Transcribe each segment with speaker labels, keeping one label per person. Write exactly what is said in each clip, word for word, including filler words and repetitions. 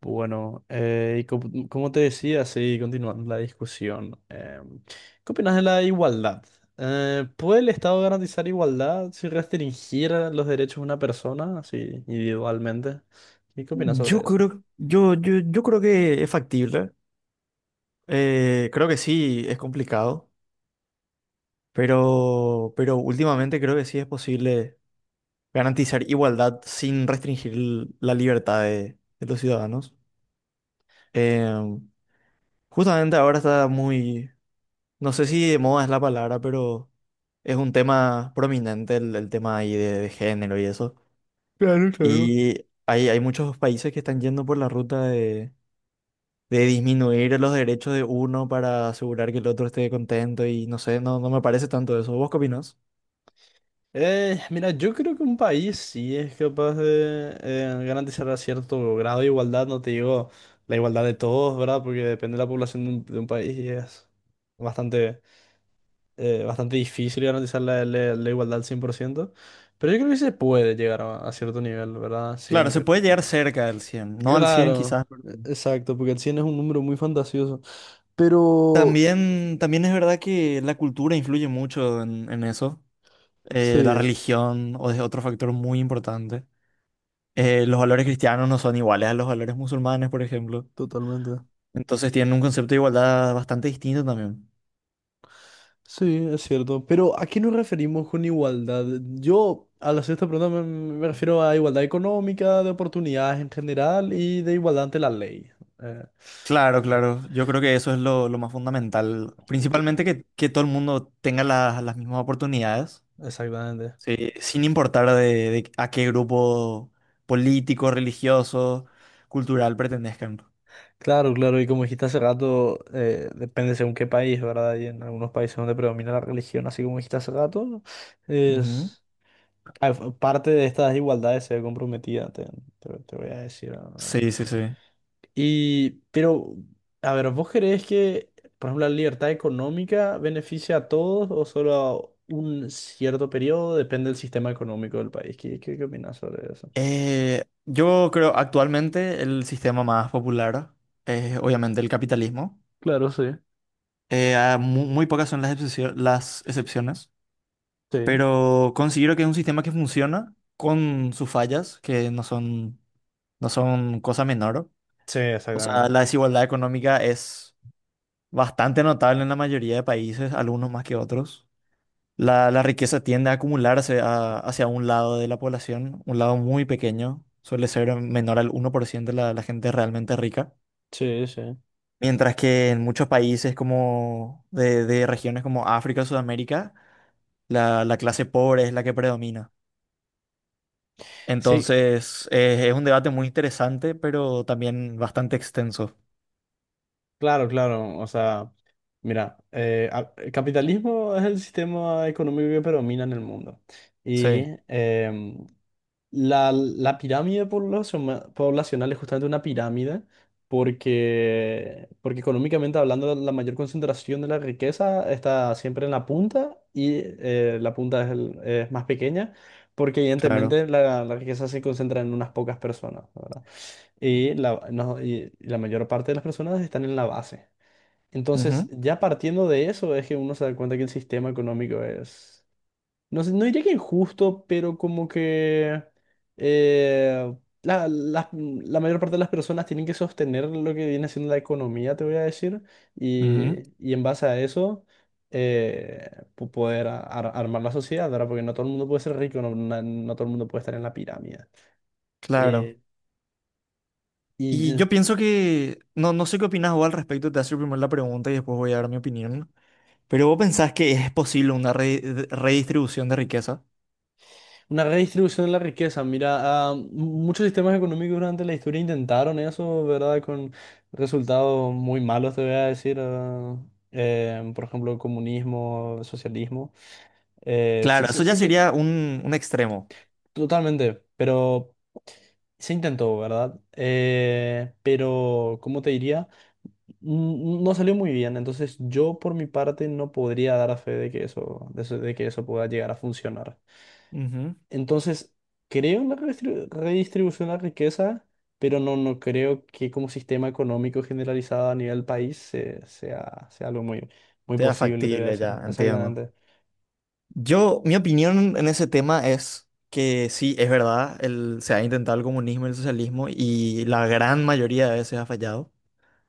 Speaker 1: Bueno, eh, y co- como, te decía, sí, continuando la discusión, eh, ¿qué opinas de la igualdad? Eh, ¿puede el Estado garantizar igualdad si restringiera los derechos de una persona, así individualmente? ¿Y qué opinas
Speaker 2: Yo
Speaker 1: sobre eso?
Speaker 2: creo, yo, yo, yo creo que es factible. Eh, creo que sí, es complicado, pero, pero últimamente creo que sí es posible garantizar igualdad sin restringir l- la libertad de, de los ciudadanos. Eh, Justamente ahora está muy, no sé si de moda es la palabra, pero es un tema prominente el, el tema ahí de, de género y eso.
Speaker 1: Claro, claro.
Speaker 2: Y hay, hay muchos países que están yendo por la ruta de disminuir los derechos de uno para asegurar que el otro esté contento y no sé, no, no me parece tanto eso. ¿Vos qué opinás?
Speaker 1: Eh, mira, yo creo que un país sí es capaz de eh, garantizar a cierto grado de igualdad, no te digo la igualdad de todos, ¿verdad? Porque depende de la población de un, de un país y es bastante eh, bastante difícil garantizar la, la- la igualdad al cien por ciento, pero yo creo que sí se puede llegar a, a cierto nivel, ¿verdad?
Speaker 2: Claro,
Speaker 1: Sin
Speaker 2: se
Speaker 1: re-
Speaker 2: puede llegar cerca del cien, no al cien
Speaker 1: Claro,
Speaker 2: quizás, pero...
Speaker 1: e- exacto, porque el cien es un número muy fantasioso, pero
Speaker 2: También, también es verdad que la cultura influye mucho en, en eso. Eh, la
Speaker 1: sí,
Speaker 2: religión o es otro factor muy importante. Eh, los valores cristianos no son iguales a los valores musulmanes, por ejemplo.
Speaker 1: totalmente.
Speaker 2: Entonces tienen un concepto de igualdad bastante distinto también.
Speaker 1: Sí, es cierto, pero ¿a qué nos referimos con igualdad? Yo a la sexta pregunta me, me refiero a igualdad económica, de oportunidades en general y de igualdad ante la ley. Eh,
Speaker 2: Claro,
Speaker 1: eh,
Speaker 2: claro. Yo creo que eso es lo, lo más fundamental.
Speaker 1: cl-
Speaker 2: Principalmente que, que todo el mundo tenga las las mismas oportunidades,
Speaker 1: exactamente.
Speaker 2: sí, sin importar de, de a qué grupo político, religioso, cultural pertenezcan.
Speaker 1: Claro, claro, y como dijiste hace rato, eh, depende según qué país, ¿verdad? Y en algunos países donde predomina la religión, así como dijiste hace rato,
Speaker 2: Ujú.
Speaker 1: es ah, f- parte de estas desigualdades se ve comprometida, te, te- te voy a decir ahora.
Speaker 2: Sí, sí, sí.
Speaker 1: Y, pero, a ver, ¿vos creés que, por ejemplo, la libertad económica beneficia a todos o solo a un cierto periodo? Depende del sistema económico del país. ¿Qué, qué, qué opinás sobre eso?
Speaker 2: Eh, yo creo actualmente el sistema más popular es obviamente el capitalismo.
Speaker 1: Claro, sí,
Speaker 2: Eh, ah, mu- muy pocas son las excepcio- las excepciones,
Speaker 1: sí.
Speaker 2: pero considero que es un sistema que funciona con sus fallas, que no son... no son cosas menores.
Speaker 1: Sí,
Speaker 2: O sea,
Speaker 1: exactamente.
Speaker 2: la desigualdad económica es bastante notable en la mayoría de países, algunos más que otros. La, la riqueza tiende a acumularse a- hacia un lado de la población, un lado muy pequeño, suele ser menor al uno por ciento la, la gente realmente rica.
Speaker 1: Sí, sí.
Speaker 2: Mientras que en muchos países como de, de regiones como África, Sudamérica, la, la clase pobre es la que predomina.
Speaker 1: Sí,
Speaker 2: Entonces, eh, es un debate muy interesante, pero también bastante extenso.
Speaker 1: claro, claro. O sea, mira, eh, a- el capitalismo es el sistema económico que predomina en el mundo. Y
Speaker 2: Sí,
Speaker 1: em, la, la pirámide poblaciona- poblacional es justamente una pirámide porque, porque económicamente hablando la mayor concentración de la riqueza está siempre en la punta y eh, la punta es, el- es más pequeña porque
Speaker 2: claro.
Speaker 1: evidentemente la, la riqueza se concentra en unas pocas personas, ¿verdad? Y la, no- y la mayor parte de las personas están en la base. Entonces,
Speaker 2: Ujú.
Speaker 1: ya partiendo de eso, es que uno se da cuenta que el sistema económico es, no sé, no diría que injusto, pero como que eh, la, la- la mayor parte de las personas tienen que sostener lo que viene siendo la economía, te voy a decir,
Speaker 2: Ujú,
Speaker 1: y, y en base a eso... eh, po- poder a- ar- armar la sociedad, ¿verdad? Porque no todo el mundo puede ser rico, no, na- no todo el mundo puede estar en la pirámide. Eh,
Speaker 2: claro. Y
Speaker 1: y
Speaker 2: yo pienso que, no, no sé qué opinas vos al respecto, te hace primero la pregunta y después voy a dar mi opinión, pero vos pensás que es posible una re- de- redistribución de riqueza.
Speaker 1: Una redistribución de la riqueza. Mira, ah, m- muchos sistemas económicos durante la historia intentaron eso, ¿verdad? Con resultados muy malos, te voy a decir. Ah, eh, por ejemplo, comunismo, socialismo. Eh, se-
Speaker 2: Claro,
Speaker 1: se-
Speaker 2: eso
Speaker 1: se
Speaker 2: ya sería
Speaker 1: intent-
Speaker 2: un, un extremo.
Speaker 1: totalmente, pero se intentó, ¿verdad? Eh, pero, ¿cómo te diría? N- No salió muy bien. Entonces, yo por mi parte no podría dar fe de que eso, de eso- de que eso pueda llegar a funcionar.
Speaker 2: Ujú,
Speaker 1: Entonces, creo en la redistribu- redistribución de la riqueza, pero no, no creo que como sistema económico generalizado a nivel país se- sea, sea algo muy, muy
Speaker 2: sea
Speaker 1: posible, te voy a
Speaker 2: factible,
Speaker 1: decir.
Speaker 2: ya, entiendo.
Speaker 1: Exactamente.
Speaker 2: Yo, mi opinión en ese tema es que sí, es verdad, el, se ha intentado el comunismo y el socialismo y la gran mayoría de veces ha fallado,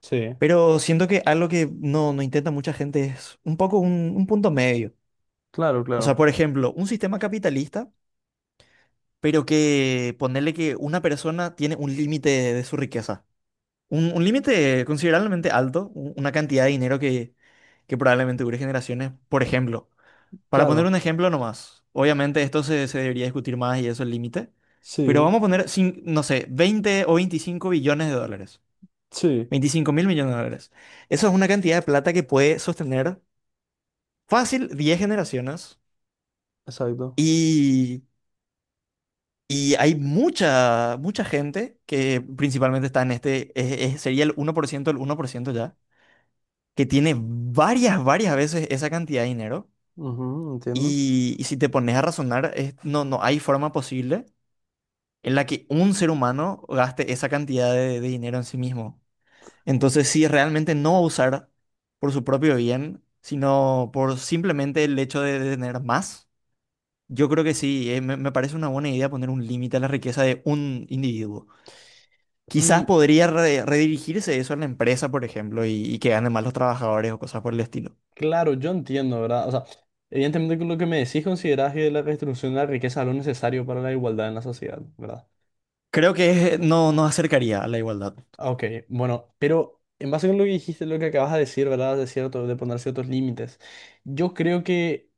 Speaker 1: Sí,
Speaker 2: pero siento que algo que no, no intenta mucha gente es un poco un un punto medio.
Speaker 1: claro,
Speaker 2: O sea,
Speaker 1: claro.
Speaker 2: por ejemplo, un sistema capitalista, pero que ponerle que una persona tiene un límite de, de su riqueza. Un, un límite considerablemente alto, u- una cantidad de dinero que, que probablemente dure generaciones. Por ejemplo, para poner un
Speaker 1: Claro,
Speaker 2: ejemplo nomás, obviamente esto se, se debería discutir más y eso es el límite, pero
Speaker 1: sí,
Speaker 2: vamos a poner, cin- no sé, veinte o veinticinco billones de dólares.
Speaker 1: sí,
Speaker 2: veinticinco mil millones de dólares. Eso es una cantidad de plata que puede sostener fácil diez generaciones.
Speaker 1: exacto.
Speaker 2: Y Y hay mucha, mucha gente que principalmente está en este, es- es- sería el uno por ciento, el uno por ciento ya, que tiene varias, varias veces esa cantidad de dinero.
Speaker 1: Ujú, entiendo.
Speaker 2: Y, y si te pones a razonar, es- no, no hay forma posible en la que un ser humano gaste esa cantidad de, de dinero en sí mismo. Entonces, si realmente no va a usar por su propio bien, sino por simplemente el hecho de, de tener más, yo creo que sí, eh, me me parece una buena idea poner un límite a la riqueza de un individuo.
Speaker 1: Mm,
Speaker 2: Quizás podría re- redirigirse eso a la empresa, por ejemplo, y, y que ganen más los trabajadores o cosas por el estilo.
Speaker 1: claro, yo entiendo, ¿verdad? O sea, evidentemente con lo que me decís considerás que la redistribución de la riqueza es lo necesario para la igualdad en la sociedad, ¿verdad?
Speaker 2: Creo que no nos acercaría a la igualdad.
Speaker 1: Ah, ok, bueno, pero en base con lo que dijiste, lo que acabas de decir, ¿verdad? De cierto, de poner ciertos límites. Yo creo que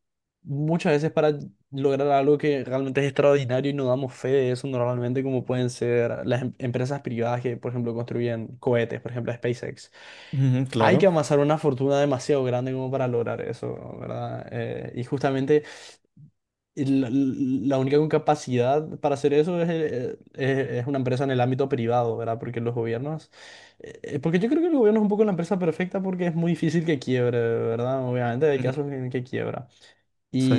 Speaker 1: muchas veces para lograr algo que realmente es extraordinario y no damos fe de eso normalmente, como pueden ser las em- empresas privadas que, por ejemplo, construyen cohetes, por ejemplo, SpaceX.
Speaker 2: Ujú,
Speaker 1: Hay que
Speaker 2: claro.
Speaker 1: amasar una fortuna demasiado grande como para lograr eso, ¿verdad? Eh, y justamente y La, la única con capacidad para hacer eso es, eh, es- es una empresa en el ámbito privado, ¿verdad? Porque los gobiernos, eh, eh, porque yo creo que el gobierno es un poco la empresa perfecta porque es muy difícil que quiebre, ¿verdad? Obviamente hay
Speaker 2: Ujú.
Speaker 1: casos en que quiebra.
Speaker 2: Sí,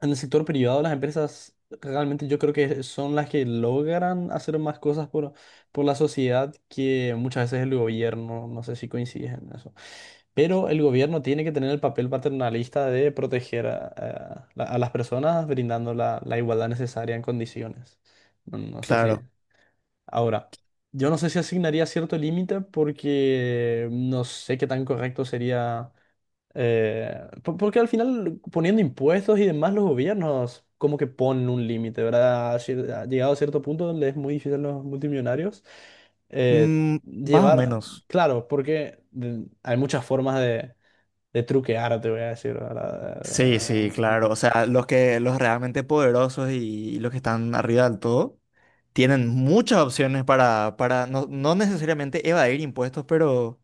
Speaker 1: En el sector privado, las empresas realmente yo creo que son las que logran hacer más cosas por, por la sociedad que muchas veces el gobierno. No sé si coincides en eso. Pero el gobierno tiene que tener el papel paternalista de proteger a, a la- a las personas brindando la, la igualdad necesaria en condiciones. No, no sé si.
Speaker 2: claro.
Speaker 1: Ahora, yo no sé si asignaría cierto límite porque no sé qué tan correcto sería eh, po- porque al final poniendo impuestos y demás los gobiernos como que ponen un límite, ¿verdad? Cier- ha llegado a cierto punto donde es muy difícil a los multimillonarios eh,
Speaker 2: Mm, más o
Speaker 1: llevar,
Speaker 2: menos.
Speaker 1: claro, porque de- hay muchas formas de, de truquear, te voy a decir,
Speaker 2: Sí, sí,
Speaker 1: ¿verdad? Eh,
Speaker 2: claro. O sea, los que, los realmente poderosos y, los que están arriba del todo tienen muchas opciones para, para no, no necesariamente evadir impuestos, pero,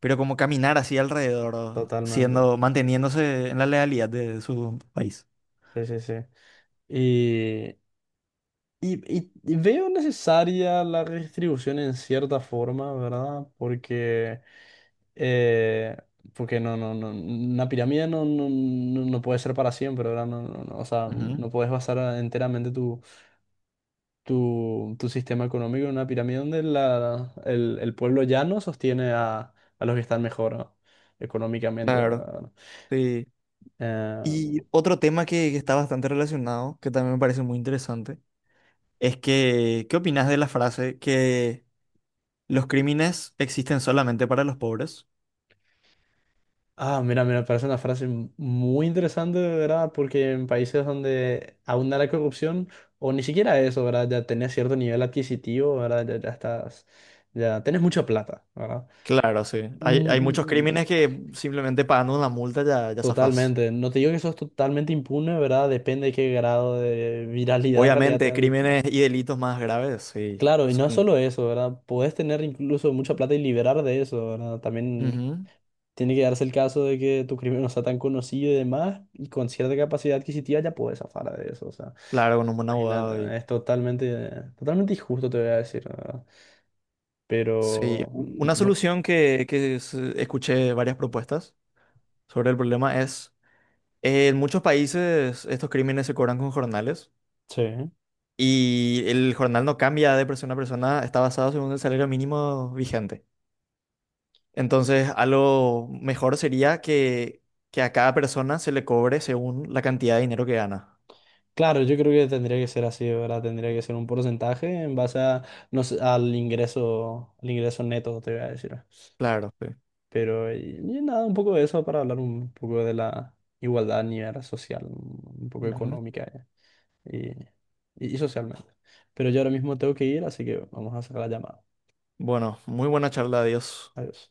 Speaker 2: pero como caminar así alrededor,
Speaker 1: Totalmente.
Speaker 2: siendo, manteniéndose en la legalidad de su país.
Speaker 1: Sí, sí, sí. Y, y- y veo necesaria la redistribución en cierta forma, ¿verdad? Porque, eh, porque no, no, no, una pirámide no, no, no no puede ser para siempre, ¿verdad? No, no, no, o sea,
Speaker 2: Ujú.
Speaker 1: no puedes basar enteramente tu, tu, tu sistema económico en una pirámide donde la, el, el pueblo llano sostiene a, a los que están mejor, ¿no? Económicamente,
Speaker 2: Claro,
Speaker 1: ¿verdad?
Speaker 2: sí. Y
Speaker 1: Eh,
Speaker 2: otro tema que, que está bastante relacionado, que también me parece muy interesante, es que, ¿qué opinas de la frase que los crímenes existen solamente para los pobres?
Speaker 1: Ah, mira, mira, parece una frase muy interesante, de verdad, porque en países donde abunda la corrupción, o ni siquiera eso, ¿verdad? Ya tenés cierto nivel adquisitivo, ¿verdad? Ya, ya estás, ya tenés mucha plata, ¿verdad?
Speaker 2: Claro, sí. Hay, hay muchos
Speaker 1: Mm,
Speaker 2: crímenes que simplemente pagando una multa ya, ya zafás.
Speaker 1: Totalmente. No te digo que eso es totalmente impune, ¿verdad? Depende de qué grado de viralidad en realidad
Speaker 2: Obviamente,
Speaker 1: tenga tu-
Speaker 2: crímenes y delitos más graves, sí.
Speaker 1: Claro, y no es
Speaker 2: Son,
Speaker 1: solo eso, ¿verdad? Podés tener incluso mucha plata y liberar de eso, ¿verdad? También
Speaker 2: ujú.
Speaker 1: tiene que darse el caso de que tu crimen no sea tan conocido y demás, y con cierta capacidad adquisitiva ya puedes zafar de eso. O sea,
Speaker 2: Claro, con un buen
Speaker 1: imagínate,
Speaker 2: abogado y...
Speaker 1: es totalmente, totalmente injusto, te voy a decir, la ¿verdad? Pero,
Speaker 2: Sí, u- una
Speaker 1: mm, bu-
Speaker 2: solución que, que se- escuché varias propuestas sobre el problema es... En muchos países estos crímenes se cobran con jornales
Speaker 1: sí.
Speaker 2: y el jornal no cambia de persona a persona, está basado según el salario mínimo vigente. Entonces, a lo mejor sería que, que a cada persona se le cobre según la cantidad de dinero que gana.
Speaker 1: Claro, yo creo que tendría que ser así, ¿verdad? Tendría que ser un porcentaje en base a, no sé, al ingreso, al ingreso neto, te voy a decir.
Speaker 2: Claro, sí.
Speaker 1: Pero, y, y nada, un poco de eso para hablar un poco de la igualdad a nivel social, un poco
Speaker 2: Ujú.
Speaker 1: económica. y, y y socialmente. Pero yo ahora mismo tengo que ir, así que vamos a sacar la llamada.
Speaker 2: Bueno, muy buena charla, adiós.
Speaker 1: Adiós.